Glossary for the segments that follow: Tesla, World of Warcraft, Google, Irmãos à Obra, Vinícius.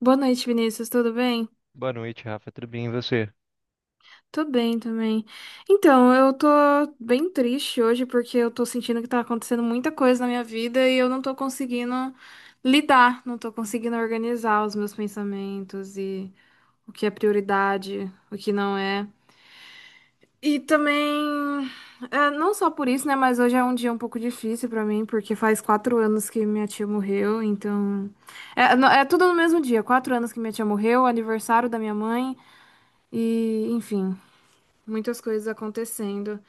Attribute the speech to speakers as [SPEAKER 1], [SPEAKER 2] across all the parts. [SPEAKER 1] Boa noite, Vinícius, tudo bem?
[SPEAKER 2] Boa noite, Rafa. Tudo bem, e você?
[SPEAKER 1] Tô bem também. Então, eu tô bem triste hoje porque eu tô sentindo que tá acontecendo muita coisa na minha vida e eu não tô conseguindo lidar, não tô conseguindo organizar os meus pensamentos e o que é prioridade, o que não é. E também, não só por isso, né, mas hoje é um dia um pouco difícil pra mim porque faz 4 anos que minha tia morreu, então. É tudo no mesmo dia, 4 anos que minha tia morreu, aniversário da minha mãe e, enfim. Muitas coisas acontecendo.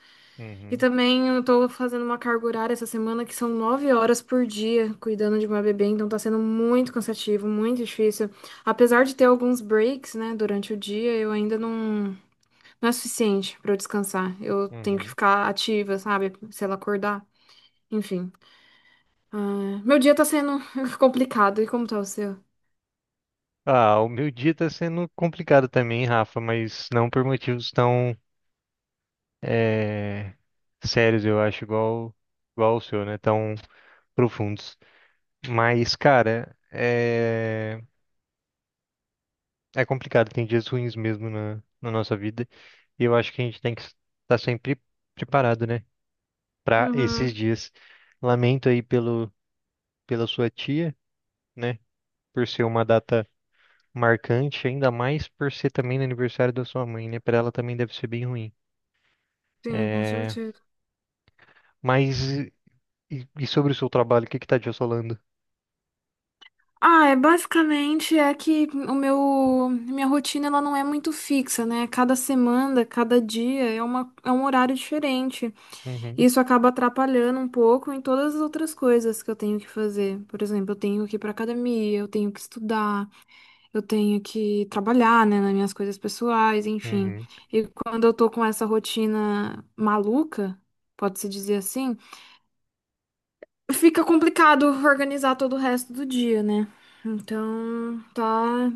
[SPEAKER 1] E
[SPEAKER 2] Uhum,
[SPEAKER 1] também eu tô fazendo uma carga horária essa semana que são 9 horas por dia cuidando de uma bebê, então tá sendo muito cansativo, muito difícil. Apesar de ter alguns breaks, né, durante o dia, eu ainda não, não é suficiente pra eu descansar. Eu tenho que
[SPEAKER 2] uhum.
[SPEAKER 1] ficar ativa, sabe? Se ela acordar. Enfim. Ah, meu dia tá sendo complicado. E como tá o seu?
[SPEAKER 2] Ah, o meu dia tá sendo complicado também, Rafa, mas não por motivos tão eh, sérios, eu acho, igual, igual o seu, né? Tão profundos. Mas, cara, é complicado, tem dias ruins mesmo na nossa vida. E eu acho que a gente tem que estar sempre preparado, né? Para esses
[SPEAKER 1] Uhum.
[SPEAKER 2] dias. Lamento aí pelo, pela sua tia, né? Por ser uma data marcante, ainda mais por ser também no aniversário da sua mãe, né? Para ela também deve ser bem ruim.
[SPEAKER 1] Sim, com
[SPEAKER 2] É,
[SPEAKER 1] certeza.
[SPEAKER 2] mas e sobre o seu trabalho, o que que tá te assolando?
[SPEAKER 1] Ah, é basicamente é que o meu minha rotina ela não é muito fixa, né? Cada semana, cada dia é um horário diferente.
[SPEAKER 2] Uhum,
[SPEAKER 1] Isso acaba atrapalhando um pouco em todas as outras coisas que eu tenho que fazer. Por exemplo, eu tenho que ir para academia, eu tenho que estudar, eu tenho que trabalhar, né, nas minhas coisas pessoais, enfim.
[SPEAKER 2] uhum,
[SPEAKER 1] E quando eu tô com essa rotina maluca, pode-se dizer assim, fica complicado organizar todo o resto do dia, né? Então, tá.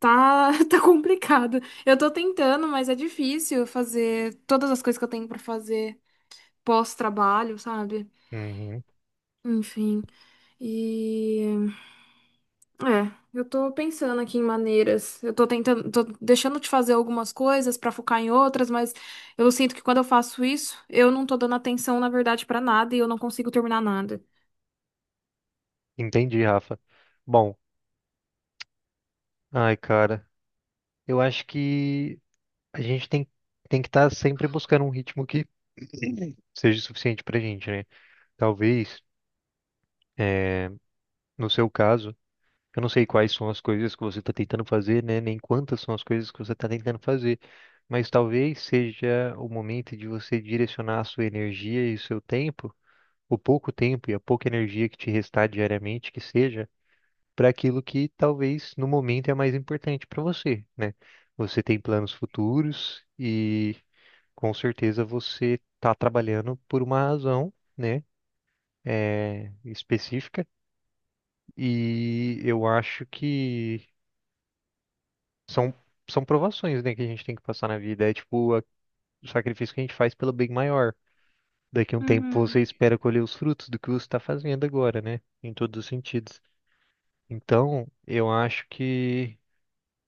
[SPEAKER 1] Tá, tá complicado. Eu tô tentando, mas é difícil fazer todas as coisas que eu tenho pra fazer pós-trabalho, sabe?
[SPEAKER 2] uhum.
[SPEAKER 1] Enfim. E eu tô pensando aqui em maneiras. Eu tô tentando, tô deixando de fazer algumas coisas pra focar em outras, mas eu sinto que quando eu faço isso, eu não tô dando atenção, na verdade, pra nada e eu não consigo terminar nada.
[SPEAKER 2] Entendi, Rafa. Bom, ai, cara, eu acho que a gente tem que estar sempre buscando um ritmo que seja suficiente pra gente, né? Talvez, é, no seu caso. Eu não sei quais são as coisas que você está tentando fazer, né? Nem quantas são as coisas que você está tentando fazer, mas talvez seja o momento de você direcionar a sua energia e o seu tempo, o pouco tempo e a pouca energia que te restar diariamente, que seja, para aquilo que talvez no momento é mais importante para você, né? Você tem planos futuros e com certeza você está trabalhando por uma razão, né? É, específica e eu acho que São, são provações, né, que a gente tem que passar na vida. É o sacrifício que a gente faz pelo bem maior. Daqui a um tempo você
[SPEAKER 1] Uhum.
[SPEAKER 2] espera colher os frutos do que você está fazendo agora, né? Em todos os sentidos. Então, eu acho que,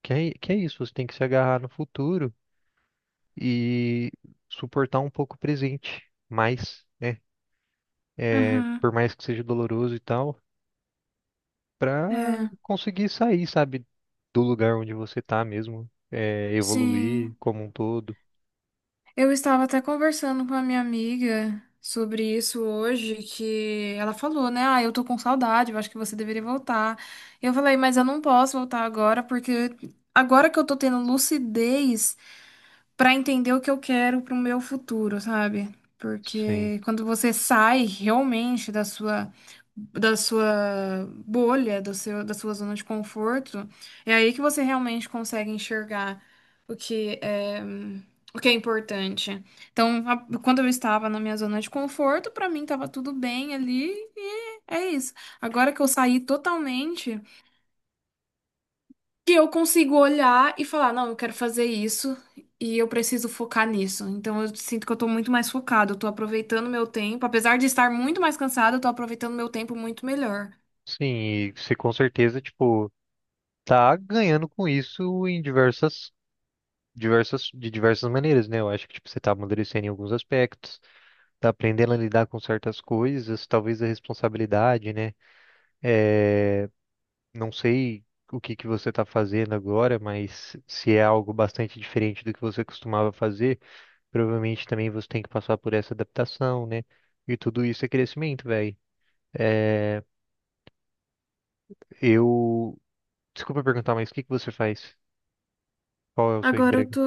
[SPEAKER 2] que é, que é isso. Você tem que se agarrar no futuro e suportar um pouco o presente. Mais, né? É,
[SPEAKER 1] Uhum.
[SPEAKER 2] por mais que seja doloroso e tal, para
[SPEAKER 1] É,
[SPEAKER 2] conseguir sair, sabe, do lugar onde você tá mesmo. É, evoluir
[SPEAKER 1] sim.
[SPEAKER 2] como um todo.
[SPEAKER 1] Eu estava até conversando com a minha amiga sobre isso hoje, que ela falou, né? Ah, eu tô com saudade, eu acho que você deveria voltar. Eu falei, mas eu não posso voltar agora, porque agora que eu tô tendo lucidez para entender o que eu quero pro meu futuro, sabe?
[SPEAKER 2] Sim.
[SPEAKER 1] Porque quando você sai realmente da sua bolha, da sua zona de conforto, é aí que você realmente consegue enxergar o que é importante. Então, quando eu estava na minha zona de conforto, para mim estava tudo bem ali e é isso. Agora que eu saí totalmente que eu consigo olhar e falar, não, eu quero fazer isso e eu preciso focar nisso. Então eu sinto que eu tô muito mais focado, eu tô aproveitando meu tempo, apesar de estar muito mais cansada, eu tô aproveitando meu tempo muito melhor.
[SPEAKER 2] Sim, e você com certeza, tipo, tá ganhando com isso em diversas, diversas, de diversas maneiras, né? Eu acho que, tipo, você tá amadurecendo em alguns aspectos, tá aprendendo a lidar com certas coisas, talvez a responsabilidade, né? É, não sei o que que você tá fazendo agora, mas se é algo bastante diferente do que você costumava fazer, provavelmente também você tem que passar por essa adaptação, né? E tudo isso é crescimento, velho. É, eu... Desculpa perguntar, mas o que que você faz? Qual é o seu
[SPEAKER 1] Agora eu
[SPEAKER 2] emprego?
[SPEAKER 1] tô.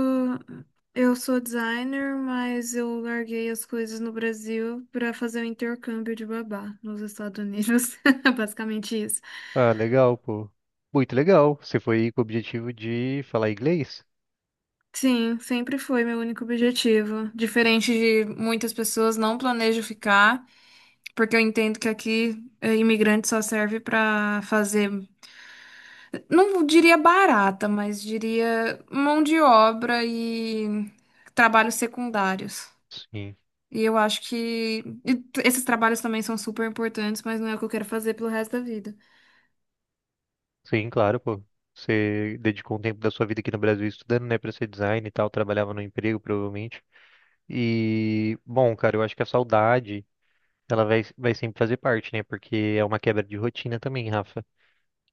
[SPEAKER 1] Eu sou designer, mas eu larguei as coisas no Brasil pra fazer o intercâmbio de babá nos Estados Unidos. Basicamente isso.
[SPEAKER 2] Ah, legal, pô. Muito legal. Você foi com o objetivo de falar inglês?
[SPEAKER 1] Sim, sempre foi meu único objetivo. Diferente de muitas pessoas, não planejo ficar. Porque eu entendo que aqui imigrante só serve para fazer, não diria barata, mas diria mão de obra e trabalhos secundários.
[SPEAKER 2] Sim.
[SPEAKER 1] E eu acho que esses trabalhos também são super importantes, mas não é o que eu quero fazer pelo resto da vida.
[SPEAKER 2] Sim, claro, pô. Você dedicou um tempo da sua vida aqui no Brasil estudando, né, pra ser design e tal, trabalhava no emprego, provavelmente. E, bom, cara, eu acho que a saudade, vai sempre fazer parte, né, porque é uma quebra de rotina também, Rafa.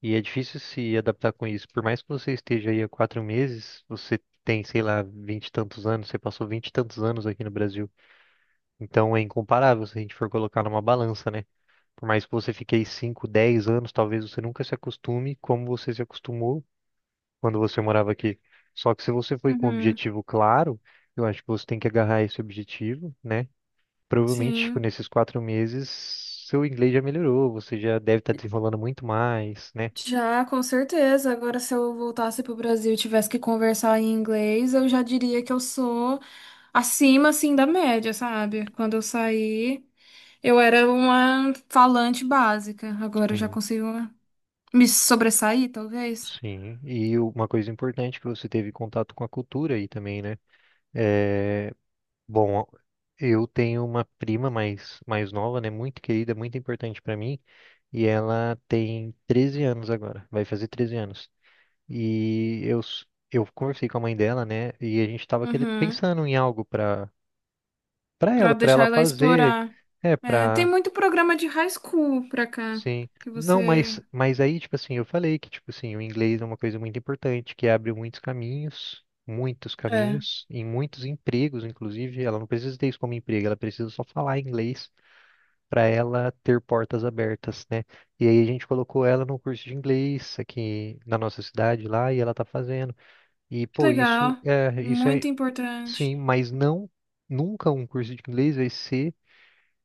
[SPEAKER 2] E é difícil se adaptar com isso. Por mais que você esteja aí há 4 meses, você tem, sei lá, vinte e tantos anos, você passou vinte e tantos anos aqui no Brasil. Então é incomparável se a gente for colocar numa balança, né? Por mais que você fique aí 5, 10 anos, talvez você nunca se acostume como você se acostumou quando você morava aqui. Só que se você foi com um
[SPEAKER 1] Uhum.
[SPEAKER 2] objetivo claro, eu acho que você tem que agarrar esse objetivo, né? Provavelmente, tipo,
[SPEAKER 1] Sim,
[SPEAKER 2] nesses 4 meses, seu inglês já melhorou, você já deve estar desenrolando muito mais, né?
[SPEAKER 1] já com certeza. Agora, se eu voltasse pro Brasil e tivesse que conversar em inglês, eu já diria que eu sou acima assim da média, sabe? Quando eu saí, eu era uma falante básica. Agora eu já
[SPEAKER 2] Sim.
[SPEAKER 1] consigo me sobressair, talvez.
[SPEAKER 2] Sim, e uma coisa importante que você teve contato com a cultura aí também, né? Eh, Bom, eu tenho uma prima mais, mais nova, né? Muito querida, muito importante pra mim. E ela tem 13 anos agora, vai fazer 13 anos. E eu, s- eu conversei com a mãe dela, né? E a gente tava querer,
[SPEAKER 1] Uhum.
[SPEAKER 2] pensando em algo
[SPEAKER 1] Pra
[SPEAKER 2] pra
[SPEAKER 1] deixar
[SPEAKER 2] ela
[SPEAKER 1] ela
[SPEAKER 2] fazer.
[SPEAKER 1] explorar.
[SPEAKER 2] É,
[SPEAKER 1] É, tem
[SPEAKER 2] pra.
[SPEAKER 1] muito programa de high school pra cá.
[SPEAKER 2] Sim.
[SPEAKER 1] Que
[SPEAKER 2] Não,
[SPEAKER 1] você.
[SPEAKER 2] mas aí, tipo assim, eu falei que, tipo assim, o inglês é uma coisa muito importante, que abre muitos caminhos. Muitos
[SPEAKER 1] É.
[SPEAKER 2] caminhos, em muitos empregos, inclusive, ela não precisa ter isso como emprego, ela precisa só falar inglês para ela ter portas abertas, né? E aí a gente colocou ela num curso de inglês aqui na nossa cidade lá e ela tá fazendo. E
[SPEAKER 1] Que
[SPEAKER 2] pô,
[SPEAKER 1] legal.
[SPEAKER 2] isso é
[SPEAKER 1] Muito
[SPEAKER 2] sim,
[SPEAKER 1] importante.
[SPEAKER 2] mas não nunca um curso de inglês vai ser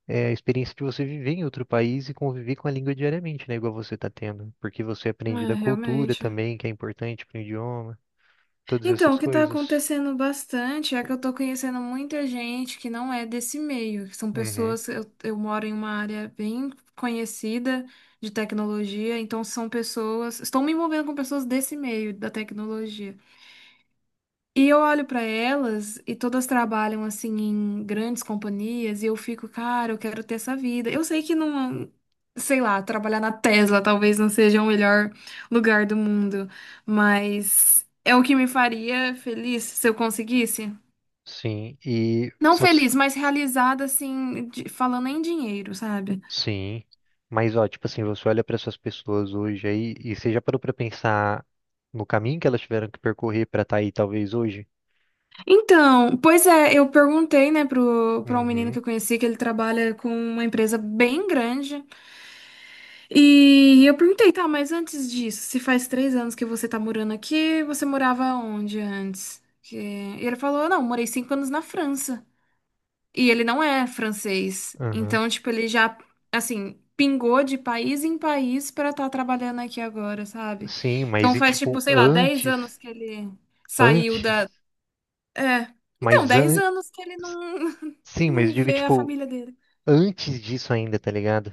[SPEAKER 2] é, a experiência de você viver em outro país e conviver com a língua diariamente, né? Igual você tá tendo, porque você aprende
[SPEAKER 1] É,
[SPEAKER 2] da cultura
[SPEAKER 1] realmente.
[SPEAKER 2] também, que é importante para o idioma, todas
[SPEAKER 1] Então,
[SPEAKER 2] essas
[SPEAKER 1] o que está
[SPEAKER 2] coisas.
[SPEAKER 1] acontecendo bastante é que eu estou conhecendo muita gente que não é desse meio, que são
[SPEAKER 2] Uhum.
[SPEAKER 1] pessoas. Eu moro em uma área bem conhecida de tecnologia, então são pessoas. Estou me envolvendo com pessoas desse meio da tecnologia. E eu olho pra elas e todas trabalham assim em grandes companhias e eu fico, cara, eu quero ter essa vida. Eu sei que não, sei lá, trabalhar na Tesla talvez não seja o melhor lugar do mundo, mas é o que me faria feliz se eu conseguisse.
[SPEAKER 2] Sim, e
[SPEAKER 1] Não
[SPEAKER 2] só que
[SPEAKER 1] feliz, mas realizada assim, de- falando em dinheiro, sabe?
[SPEAKER 2] Sim, mas ó, tipo assim, você olha para essas pessoas hoje aí e você já parou para pensar no caminho que elas tiveram que percorrer para estar aí talvez hoje?
[SPEAKER 1] Então, pois é, eu perguntei, né, pra um menino
[SPEAKER 2] Uhum,
[SPEAKER 1] que eu conheci que ele trabalha com uma empresa bem grande. E eu perguntei, tá, mas antes disso, se faz 3 anos que você tá morando aqui, você morava onde antes? E ele falou, não, morei 5 anos na França. E ele não é francês.
[SPEAKER 2] uhum.
[SPEAKER 1] Então, tipo, ele já, assim, pingou de país em país pra estar trabalhando aqui agora, sabe?
[SPEAKER 2] Sim, mas
[SPEAKER 1] Então
[SPEAKER 2] e
[SPEAKER 1] faz, tipo,
[SPEAKER 2] tipo
[SPEAKER 1] sei lá, dez
[SPEAKER 2] antes,
[SPEAKER 1] anos que ele saiu
[SPEAKER 2] antes,
[SPEAKER 1] da. É. Então,
[SPEAKER 2] mas
[SPEAKER 1] dez
[SPEAKER 2] an...
[SPEAKER 1] anos que ele não,
[SPEAKER 2] sim, mas
[SPEAKER 1] não
[SPEAKER 2] eu digo
[SPEAKER 1] vê a
[SPEAKER 2] tipo
[SPEAKER 1] família dele.
[SPEAKER 2] antes disso ainda, tá ligado?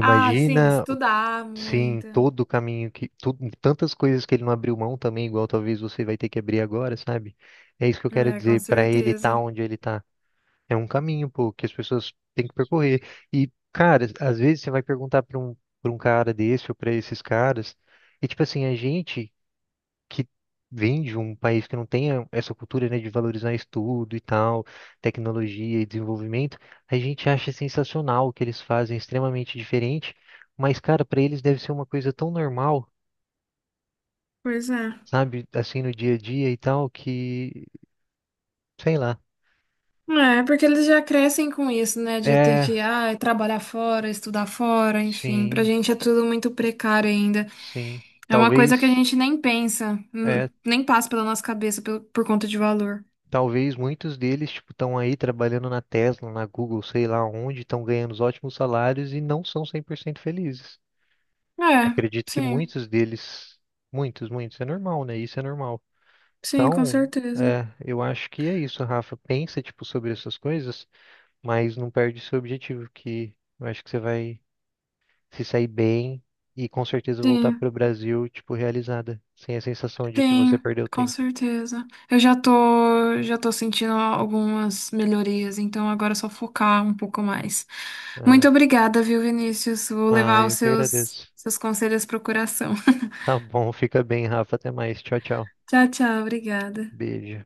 [SPEAKER 1] Ah, sim, estudar
[SPEAKER 2] sim,
[SPEAKER 1] muito.
[SPEAKER 2] todo o caminho que tudo, tantas coisas que ele não abriu mão também, igual talvez você vai ter que abrir agora, sabe? É isso que eu quero
[SPEAKER 1] É, com
[SPEAKER 2] dizer, para ele estar
[SPEAKER 1] certeza.
[SPEAKER 2] onde ele tá. É um caminho, pô, que as pessoas têm que percorrer. E, cara, às vezes você vai perguntar para um cara desse ou para esses caras, e tipo assim, a gente que vem de um país que não tem essa cultura, né, de valorizar estudo e tal, tecnologia e desenvolvimento, a gente acha sensacional o que eles fazem, é extremamente diferente, mas, cara, para eles deve ser uma coisa tão normal,
[SPEAKER 1] Pois é.
[SPEAKER 2] sabe, assim no dia a dia e tal, que, sei lá.
[SPEAKER 1] É, porque eles já crescem com isso, né? De ter
[SPEAKER 2] É,
[SPEAKER 1] que, ah, é trabalhar fora, estudar fora, enfim. Pra
[SPEAKER 2] sim,
[SPEAKER 1] gente é tudo muito precário ainda.
[SPEAKER 2] sim.
[SPEAKER 1] É uma coisa que a
[SPEAKER 2] Talvez.
[SPEAKER 1] gente nem pensa,
[SPEAKER 2] É
[SPEAKER 1] nem passa pela nossa cabeça por conta de valor.
[SPEAKER 2] Talvez muitos deles, tipo, estão aí trabalhando na Tesla, na Google, sei lá onde, estão ganhando os ótimos salários e não são 100% felizes.
[SPEAKER 1] É,
[SPEAKER 2] Acredito que
[SPEAKER 1] sim,
[SPEAKER 2] muitos deles, muitos, muitos, é normal, né? Isso é normal.
[SPEAKER 1] sim, com
[SPEAKER 2] Então,
[SPEAKER 1] certeza.
[SPEAKER 2] é, eu acho que é isso, Rafa. Pensa, tipo, sobre essas coisas, mas não perde seu objetivo, que eu acho que você vai se sair bem e com certeza voltar para
[SPEAKER 1] Sim,
[SPEAKER 2] o Brasil, tipo, realizada, sem a sensação de que você
[SPEAKER 1] sim,
[SPEAKER 2] perdeu
[SPEAKER 1] com
[SPEAKER 2] tempo.
[SPEAKER 1] certeza. Eu já tô sentindo algumas melhorias, então agora é só focar um pouco mais.
[SPEAKER 2] É.
[SPEAKER 1] Muito obrigada, viu, Vinícius? Vou
[SPEAKER 2] Ah,
[SPEAKER 1] levar os
[SPEAKER 2] eu que
[SPEAKER 1] seus,
[SPEAKER 2] agradeço.
[SPEAKER 1] seus conselhos pro coração.
[SPEAKER 2] Tá bom, fica bem, Rafa. Até mais. Tchau, tchau.
[SPEAKER 1] Tchau, tchau, obrigada.
[SPEAKER 2] Beijo.